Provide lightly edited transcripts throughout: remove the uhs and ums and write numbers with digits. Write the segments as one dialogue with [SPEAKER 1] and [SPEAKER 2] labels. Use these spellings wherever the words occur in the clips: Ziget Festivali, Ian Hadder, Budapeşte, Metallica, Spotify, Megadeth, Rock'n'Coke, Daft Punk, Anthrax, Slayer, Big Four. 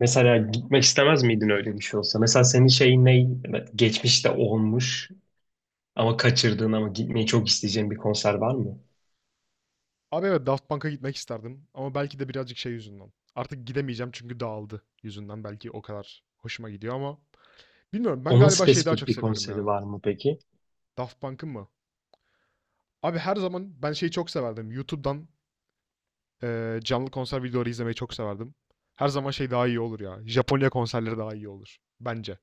[SPEAKER 1] Mesela gitmek istemez miydin öyle bir şey olsa? Mesela senin şeyin ne? Geçmişte olmuş ama kaçırdığın ama gitmeyi çok isteyeceğin bir konser var mı?
[SPEAKER 2] Abi evet Daft Punk'a gitmek isterdim ama belki de birazcık şey yüzünden. Artık gidemeyeceğim çünkü dağıldı yüzünden belki o kadar hoşuma gidiyor ama bilmiyorum ben
[SPEAKER 1] Onun
[SPEAKER 2] galiba şeyi daha
[SPEAKER 1] spesifik
[SPEAKER 2] çok
[SPEAKER 1] bir
[SPEAKER 2] seviyorum
[SPEAKER 1] konseri
[SPEAKER 2] ya.
[SPEAKER 1] var mı peki?
[SPEAKER 2] Daft Punk'ın mı? Abi her zaman ben şeyi çok severdim. YouTube'dan canlı konser videoları izlemeyi çok severdim. Her zaman şey daha iyi olur ya. Japonya konserleri daha iyi olur bence.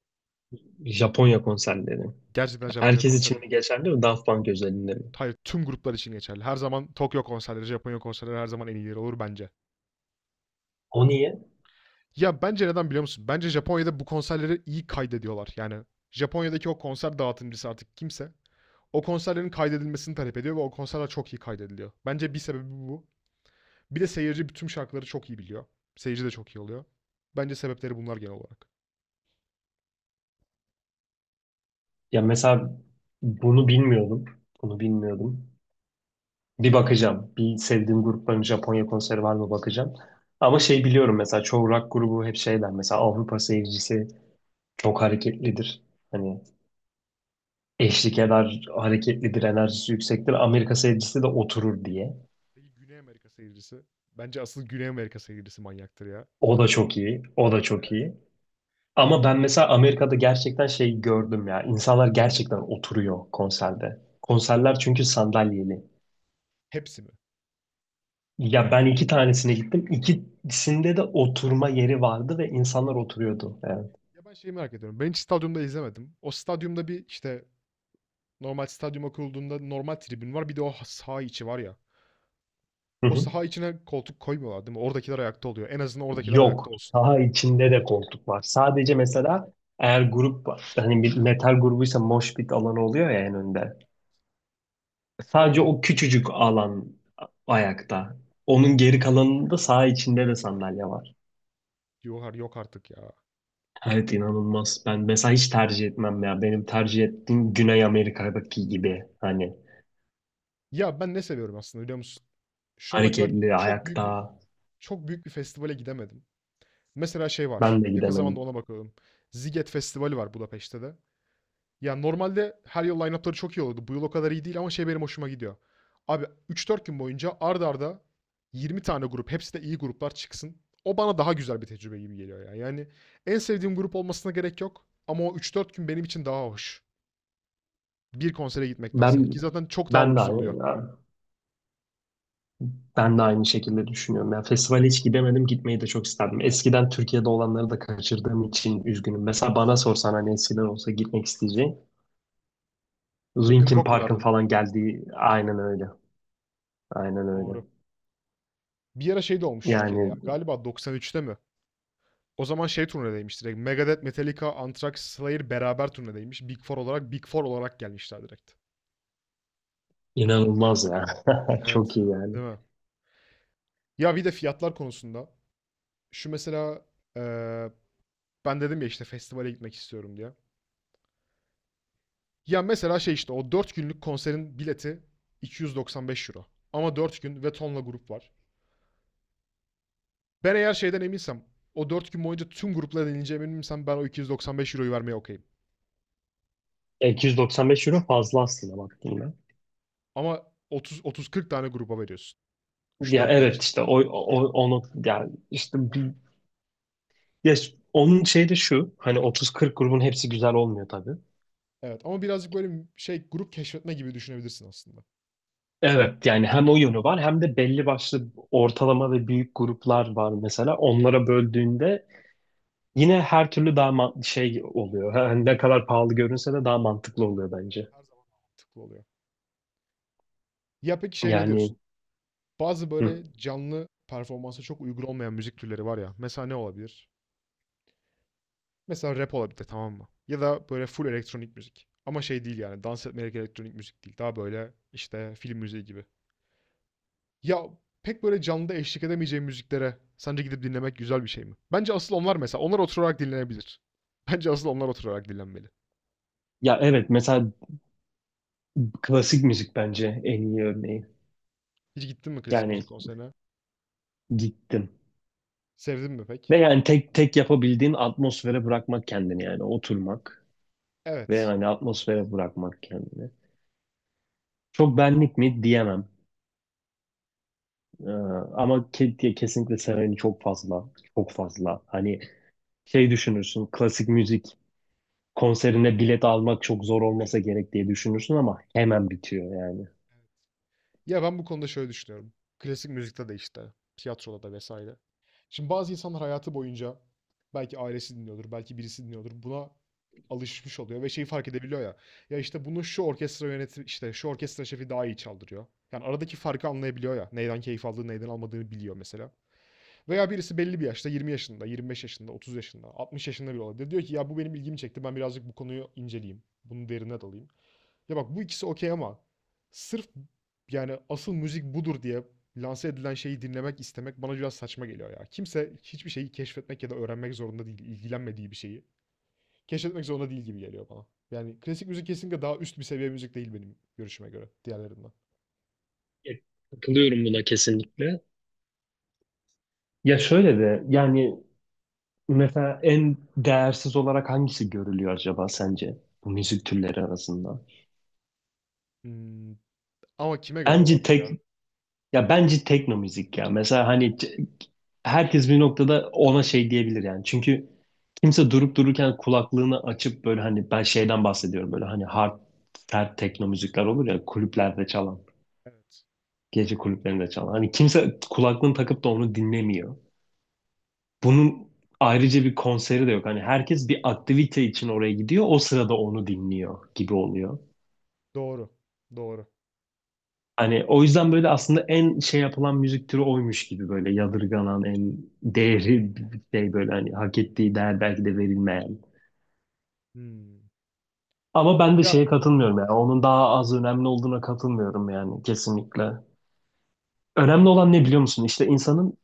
[SPEAKER 1] Japonya konserleri.
[SPEAKER 2] Gerçekten Japonya
[SPEAKER 1] Herkes için
[SPEAKER 2] konserleri
[SPEAKER 1] mi geçerli mi? Daft Punk özelinde mi?
[SPEAKER 2] hayır tüm gruplar için geçerli. Her zaman Tokyo konserleri, Japonya konserleri her zaman en iyileri olur bence.
[SPEAKER 1] O niye?
[SPEAKER 2] Ya bence neden biliyor musun? Bence Japonya'da bu konserleri iyi kaydediyorlar. Yani Japonya'daki o konser dağıtımcısı artık kimse o konserlerin kaydedilmesini talep ediyor ve o konserler çok iyi kaydediliyor. Bence bir sebebi bu. Bir de seyirci bütün şarkıları çok iyi biliyor. Seyirci de çok iyi oluyor. Bence sebepleri bunlar genel olarak.
[SPEAKER 1] Ya mesela bunu bilmiyordum. Bunu bilmiyordum. Bir bakacağım. Bir sevdiğim grupların Japonya konseri var mı bakacağım. Ama şey biliyorum mesela çoğu rock grubu hep şeyler. Mesela Avrupa seyircisi çok hareketlidir. Hani eşlik eder, hareketlidir, enerjisi yüksektir. Amerika sevgisi de oturur diye.
[SPEAKER 2] Peki Güney Amerika seyircisi? Bence asıl Güney Amerika seyircisi manyaktır ya.
[SPEAKER 1] O da çok iyi, o da çok iyi. Ama ben mesela Amerika'da gerçekten şey gördüm ya. İnsanlar gerçekten oturuyor konserde. Konserler çünkü sandalyeli.
[SPEAKER 2] Hepsi mi?
[SPEAKER 1] Ya ben
[SPEAKER 2] Tüyo.
[SPEAKER 1] iki tanesine gittim. İkisinde de oturma yeri vardı ve insanlar oturuyordu. Evet.
[SPEAKER 2] Ya ben şeyi merak ediyorum. Ben hiç stadyumda izlemedim. O stadyumda bir işte normal stadyuma kurulduğunda normal tribün var. Bir de o saha içi var ya.
[SPEAKER 1] Hı
[SPEAKER 2] O
[SPEAKER 1] hı.
[SPEAKER 2] saha içine koltuk koymuyorlar değil mi? Oradakiler ayakta oluyor. En azından oradakiler ayakta
[SPEAKER 1] Yok.
[SPEAKER 2] olsun.
[SPEAKER 1] Daha içinde de koltuk var. Sadece mesela eğer grup var. Hani bir metal grubuysa mosh pit alanı oluyor ya en önde. Sadece
[SPEAKER 2] Orada yok.
[SPEAKER 1] o küçücük alan ayakta. Onun geri kalanında sağ içinde de sandalye var.
[SPEAKER 2] Yok, yok artık ya.
[SPEAKER 1] Evet inanılmaz. Ben mesela hiç tercih etmem ya. Benim tercih ettiğim Güney Amerika'daki gibi hani
[SPEAKER 2] Ya ben ne seviyorum aslında biliyor musun? Şu ana kadar
[SPEAKER 1] hareketli
[SPEAKER 2] çok büyük
[SPEAKER 1] ayakta.
[SPEAKER 2] bir çok büyük bir festivale gidemedim. Mesela şey var.
[SPEAKER 1] Ben de
[SPEAKER 2] Yakın zamanda
[SPEAKER 1] gidemedim.
[SPEAKER 2] ona bakalım. Ziget Festivali var Budapeşte de. Ya normalde her yıl line-up'ları çok iyi olurdu. Bu yıl o kadar iyi değil ama şey benim hoşuma gidiyor. Abi 3-4 gün boyunca ard arda 20 tane grup, hepsi de iyi gruplar çıksın. O bana daha güzel bir tecrübe gibi geliyor ya. Yani en sevdiğim grup olmasına gerek yok ama o 3-4 gün benim için daha hoş. Bir konsere gitmektense.
[SPEAKER 1] Ben
[SPEAKER 2] Ki zaten çok daha
[SPEAKER 1] ben de
[SPEAKER 2] ucuz
[SPEAKER 1] aynı
[SPEAKER 2] oluyor.
[SPEAKER 1] ben de aynı şekilde düşünüyorum. Ya festivale hiç gidemedim, gitmeyi de çok isterdim. Eskiden Türkiye'de olanları da kaçırdığım için üzgünüm. Mesela
[SPEAKER 2] Evet.
[SPEAKER 1] bana sorsan hani eskiden olsa gitmek isteyeceğim. Linkin
[SPEAKER 2] Rock'n'Coke mu
[SPEAKER 1] Park'ın
[SPEAKER 2] derdin?
[SPEAKER 1] falan geldiği aynen öyle. Aynen öyle.
[SPEAKER 2] Doğru. Bir ara şey de olmuş Türkiye'de
[SPEAKER 1] Yani
[SPEAKER 2] ya. Galiba 93'te mi? O zaman şey turnedeymiş direkt. Megadeth, Metallica, Anthrax, Slayer beraber turnedeymiş. Big Four olarak, Big Four olarak gelmişler direkt.
[SPEAKER 1] inanılmaz ya. Çok
[SPEAKER 2] Evet,
[SPEAKER 1] iyi yani.
[SPEAKER 2] değil mi? Ya bir de fiyatlar konusunda. Şu mesela eee, ben dedim ya işte festivale gitmek istiyorum diye. Ya mesela şey işte o 4 günlük konserin bileti 295 euro. Ama 4 gün ve tonla grup var. Ben eğer şeyden eminsem o 4 gün boyunca tüm gruplara denileceğime eminsem ben o 295 euroyu vermeye okeyim.
[SPEAKER 1] 295 € fazla aslında baktığında.
[SPEAKER 2] Ama 30 30-40 tane gruba veriyorsun. Üç
[SPEAKER 1] Ya
[SPEAKER 2] dört gün
[SPEAKER 1] evet
[SPEAKER 2] için.
[SPEAKER 1] işte o onu yani işte ya onun şeyi de şu hani 30-40 grubun hepsi güzel olmuyor tabii.
[SPEAKER 2] Evet ama birazcık böyle şey grup keşfetme gibi düşünebilirsin aslında.
[SPEAKER 1] Evet yani hem o yönü var hem de belli başlı ortalama ve büyük gruplar var mesela. Onlara böldüğünde yine her türlü daha şey oluyor. Hani ne kadar pahalı görünse de daha mantıklı oluyor bence.
[SPEAKER 2] Evet her zaman mantıklı oluyor. Ya peki şey ne
[SPEAKER 1] Yani
[SPEAKER 2] diyorsun? Bazı
[SPEAKER 1] hı.
[SPEAKER 2] böyle canlı performansa çok uygun olmayan müzik türleri var ya. Mesela ne olabilir? Mesela rap olabilir tamam mı? Ya da böyle full elektronik müzik. Ama şey değil yani dans etmelik elektronik müzik değil. Daha böyle işte film müziği gibi. Ya pek böyle canlıda eşlik edemeyeceğim müziklere sence gidip dinlemek güzel bir şey mi? Bence asıl onlar mesela. Onlar oturarak dinlenebilir. Bence asıl onlar oturarak dinlenmeli.
[SPEAKER 1] Ya evet mesela klasik müzik bence en iyi örneği.
[SPEAKER 2] Hiç gittin mi klasik
[SPEAKER 1] Yani
[SPEAKER 2] müzik konserine?
[SPEAKER 1] gittim.
[SPEAKER 2] Sevdin mi pek?
[SPEAKER 1] Ve yani tek tek yapabildiğin atmosfere bırakmak kendini yani oturmak ve
[SPEAKER 2] Evet.
[SPEAKER 1] yani atmosfere bırakmak kendini. Çok benlik mi diyemem. Ee, ama diye kesinlikle seveni çok fazla. Çok fazla. Hani şey düşünürsün klasik müzik konserine bilet almak çok zor olmasa gerek diye düşünürsün ama hemen bitiyor yani.
[SPEAKER 2] Ya ben bu konuda şöyle düşünüyorum. Klasik müzikte de işte, tiyatroda da vesaire. Şimdi bazı insanlar hayatı boyunca belki ailesi dinliyordur, belki birisi dinliyordur. Buna alışmış oluyor ve şeyi fark edebiliyor ya. Ya işte bunu şu orkestra yönetimi, işte şu orkestra şefi daha iyi çaldırıyor. Yani aradaki farkı anlayabiliyor ya. Neyden keyif aldığını, neyden almadığını biliyor mesela. Veya birisi belli bir yaşta, 20 yaşında, 25 yaşında, 30 yaşında, 60 yaşında bile olabilir. Diyor ki ya bu benim ilgimi çekti. Ben birazcık bu konuyu inceleyeyim. Bunu derine dalayım. Ya bak bu ikisi okey ama sırf yani asıl müzik budur diye lanse edilen şeyi dinlemek istemek bana biraz saçma geliyor ya. Kimse hiçbir şeyi keşfetmek ya da öğrenmek zorunda değil, ilgilenmediği bir şeyi keşfetmek zorunda değil gibi geliyor bana. Yani klasik müzik kesinlikle daha üst bir seviye müzik değil benim görüşüme göre diğerlerinden.
[SPEAKER 1] Evet, katılıyorum buna kesinlikle. Ya şöyle de yani mesela en değersiz olarak hangisi görülüyor acaba sence bu müzik türleri arasında?
[SPEAKER 2] Hmm, ama kime göre
[SPEAKER 1] Bence
[SPEAKER 2] olarak ya?
[SPEAKER 1] tek Ya bence tekno müzik ya. Mesela hani herkes bir noktada ona şey diyebilir yani. Çünkü kimse durup dururken kulaklığını açıp böyle hani ben şeyden bahsediyorum böyle hani hard sert tekno müzikler olur ya kulüplerde çalan,
[SPEAKER 2] Evet.
[SPEAKER 1] gece kulüplerinde çalan. Hani kimse kulaklığını takıp da onu dinlemiyor. Bunun ayrıca bir konseri de yok. Hani herkes bir aktivite için oraya gidiyor. O sırada onu dinliyor gibi oluyor.
[SPEAKER 2] Doğru. Doğru.
[SPEAKER 1] Hani o yüzden böyle aslında en şey yapılan müzik türü oymuş gibi böyle yadırganan en değeri şey böyle hani hak ettiği değer belki de verilmeyen.
[SPEAKER 2] Hmm.
[SPEAKER 1] Ama ben de
[SPEAKER 2] Ya
[SPEAKER 1] şeye katılmıyorum yani onun daha az önemli olduğuna katılmıyorum yani kesinlikle. Önemli olan ne biliyor musun? İşte insanın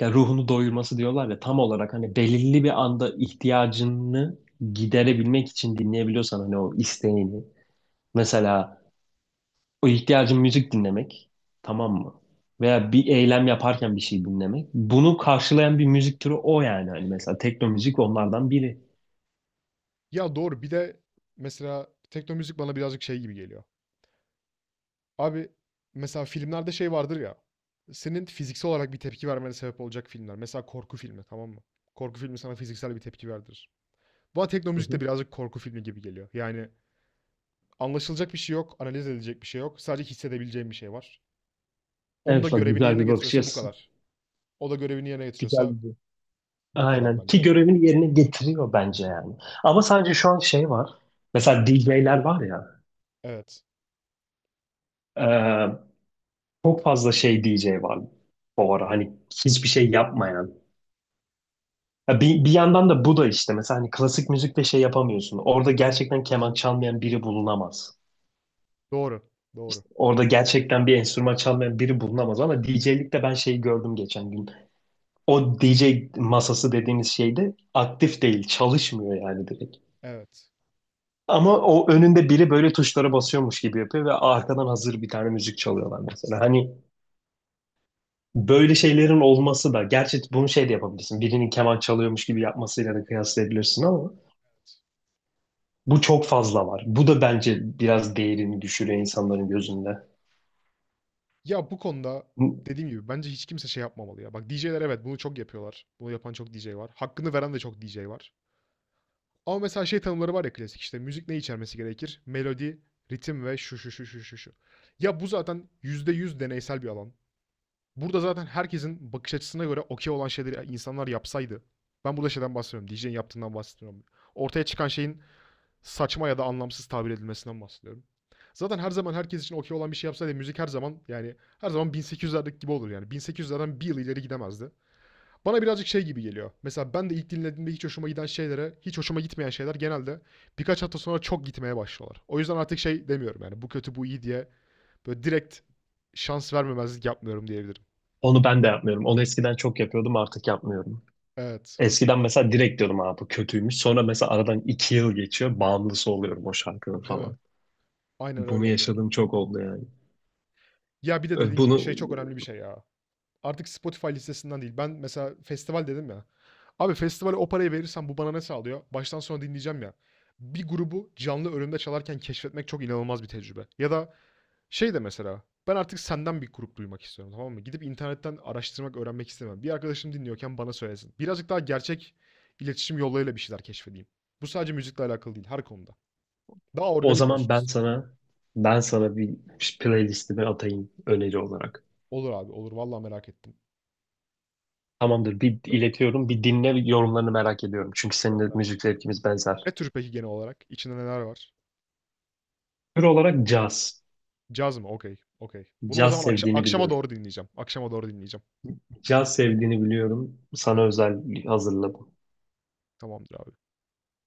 [SPEAKER 1] ya ruhunu doyurması diyorlar ya tam olarak hani belirli bir anda ihtiyacını giderebilmek için dinleyebiliyorsan hani o isteğini. Mesela o ihtiyacın müzik dinlemek, tamam mı? Veya bir eylem yaparken bir şey dinlemek. Bunu karşılayan bir müzik türü o yani. Hani mesela tekno müzik onlardan biri.
[SPEAKER 2] ya doğru. Bir de mesela tekno müzik bana birazcık şey gibi geliyor. Abi mesela filmlerde şey vardır ya. Senin fiziksel olarak bir tepki vermene sebep olacak filmler. Mesela korku filmi tamam mı? Korku filmi sana fiziksel bir tepki verdirir. Bana
[SPEAKER 1] Hı
[SPEAKER 2] teknomüzik de
[SPEAKER 1] hı.
[SPEAKER 2] birazcık korku filmi gibi geliyor. Yani anlaşılacak bir şey yok, analiz edilecek bir şey yok. Sadece hissedebileceğim bir şey var. Onu da
[SPEAKER 1] Evet bak
[SPEAKER 2] görevini
[SPEAKER 1] güzel
[SPEAKER 2] yerine
[SPEAKER 1] bir bakış
[SPEAKER 2] getiriyorsa bu
[SPEAKER 1] açısı.
[SPEAKER 2] kadar. O da görevini yerine
[SPEAKER 1] Güzel
[SPEAKER 2] getiriyorsa
[SPEAKER 1] bir
[SPEAKER 2] bu kadar
[SPEAKER 1] Aynen. Ki
[SPEAKER 2] bence.
[SPEAKER 1] görevini yerine getiriyor bence yani. Ama sadece şu an şey var. Mesela DJ'ler var ya.
[SPEAKER 2] Evet.
[SPEAKER 1] e, çok fazla şey DJ var bu ara. Hani hiçbir şey yapmayan. Ya bir yandan da bu da işte mesela hani klasik müzikte şey yapamıyorsun. Orada gerçekten keman çalmayan biri bulunamaz.
[SPEAKER 2] Doğru. Doğru.
[SPEAKER 1] İşte orada gerçekten bir enstrüman çalmayan biri bulunamaz ama DJ'likte ben şeyi gördüm geçen gün. O DJ masası dediğiniz şeyde aktif değil, çalışmıyor yani direkt.
[SPEAKER 2] Evet.
[SPEAKER 1] Ama o önünde biri böyle tuşlara basıyormuş gibi yapıyor ve arkadan hazır bir tane müzik çalıyorlar mesela. Hani böyle şeylerin olması da gerçi bunu şey de yapabilirsin. Birinin keman çalıyormuş gibi yapmasıyla da kıyaslayabilirsin ama bu çok fazla var. Bu da bence biraz değerini düşürüyor insanların gözünde.
[SPEAKER 2] Ya bu konuda dediğim gibi bence hiç kimse şey yapmamalı ya. Bak DJ'ler evet bunu çok yapıyorlar. Bunu yapan çok DJ var. Hakkını veren de çok DJ var. Ama mesela şey tanımları var ya klasik işte müzik ne içermesi gerekir? Melodi, ritim ve şu şu şu şu şu şu. Ya bu zaten %100 deneysel bir alan. Burada zaten herkesin bakış açısına göre okey olan şeyleri insanlar yapsaydı. Ben burada şeyden bahsediyorum. DJ'in yaptığından bahsediyorum. Ortaya çıkan şeyin saçma ya da anlamsız tabir edilmesinden bahsediyorum. Zaten her zaman herkes için okey olan bir şey yapsaydı müzik her zaman yani her zaman 1800'lerdeki gibi olur yani. 1800'lerden bir yıl ileri gidemezdi. Bana birazcık şey gibi geliyor. Mesela ben de ilk dinlediğimde hiç hoşuma giden şeylere, hiç hoşuma gitmeyen şeyler genelde birkaç hafta sonra çok gitmeye başlıyorlar. O yüzden artık şey demiyorum yani bu kötü bu iyi diye böyle direkt şans vermemezlik yapmıyorum diyebilirim.
[SPEAKER 1] Onu ben de yapmıyorum. Onu eskiden çok yapıyordum artık yapmıyorum.
[SPEAKER 2] Evet.
[SPEAKER 1] Eskiden mesela direkt diyordum abi bu kötüymüş. Sonra mesela aradan 2 yıl geçiyor. Bağımlısı oluyorum o şarkının
[SPEAKER 2] Değil mi?
[SPEAKER 1] falan.
[SPEAKER 2] Aynen
[SPEAKER 1] Bunu
[SPEAKER 2] öyle oluyor.
[SPEAKER 1] yaşadığım çok oldu yani.
[SPEAKER 2] Ya bir de
[SPEAKER 1] Ö,
[SPEAKER 2] dediğin
[SPEAKER 1] Bunu
[SPEAKER 2] gibi şey çok önemli bir şey ya. Artık Spotify listesinden değil. Ben mesela festival dedim ya. Abi festivale o parayı verirsem bu bana ne sağlıyor? Baştan sona dinleyeceğim ya. Bir grubu canlı önümde çalarken keşfetmek çok inanılmaz bir tecrübe. Ya da şey de mesela ben artık senden bir grup duymak istiyorum tamam mı? Gidip internetten araştırmak, öğrenmek istemem. Bir arkadaşım dinliyorken bana söylesin. Birazcık daha gerçek iletişim yollarıyla bir şeyler keşfedeyim. Bu sadece müzikle alakalı değil her konuda. Daha
[SPEAKER 1] O
[SPEAKER 2] organik
[SPEAKER 1] zaman
[SPEAKER 2] olsun
[SPEAKER 1] ben
[SPEAKER 2] istiyorum yani.
[SPEAKER 1] sana ben sana bir playlistimi atayım öneri olarak.
[SPEAKER 2] Olur abi olur vallahi merak ettim.
[SPEAKER 1] Tamamdır bir iletiyorum. Bir dinle yorumlarını merak ediyorum. Çünkü seninle
[SPEAKER 2] Gönder.
[SPEAKER 1] müzik zevkimiz benzer.
[SPEAKER 2] Ne tür peki genel olarak? İçinde neler var?
[SPEAKER 1] Tür olarak caz.
[SPEAKER 2] Caz mı? Okey. Okey. Bunu o
[SPEAKER 1] Caz
[SPEAKER 2] zaman
[SPEAKER 1] sevdiğini
[SPEAKER 2] akşama
[SPEAKER 1] biliyorum.
[SPEAKER 2] doğru dinleyeceğim. Akşama doğru dinleyeceğim.
[SPEAKER 1] Caz sevdiğini biliyorum. Sana
[SPEAKER 2] Evet.
[SPEAKER 1] özel hazırladım.
[SPEAKER 2] Tamamdır abi.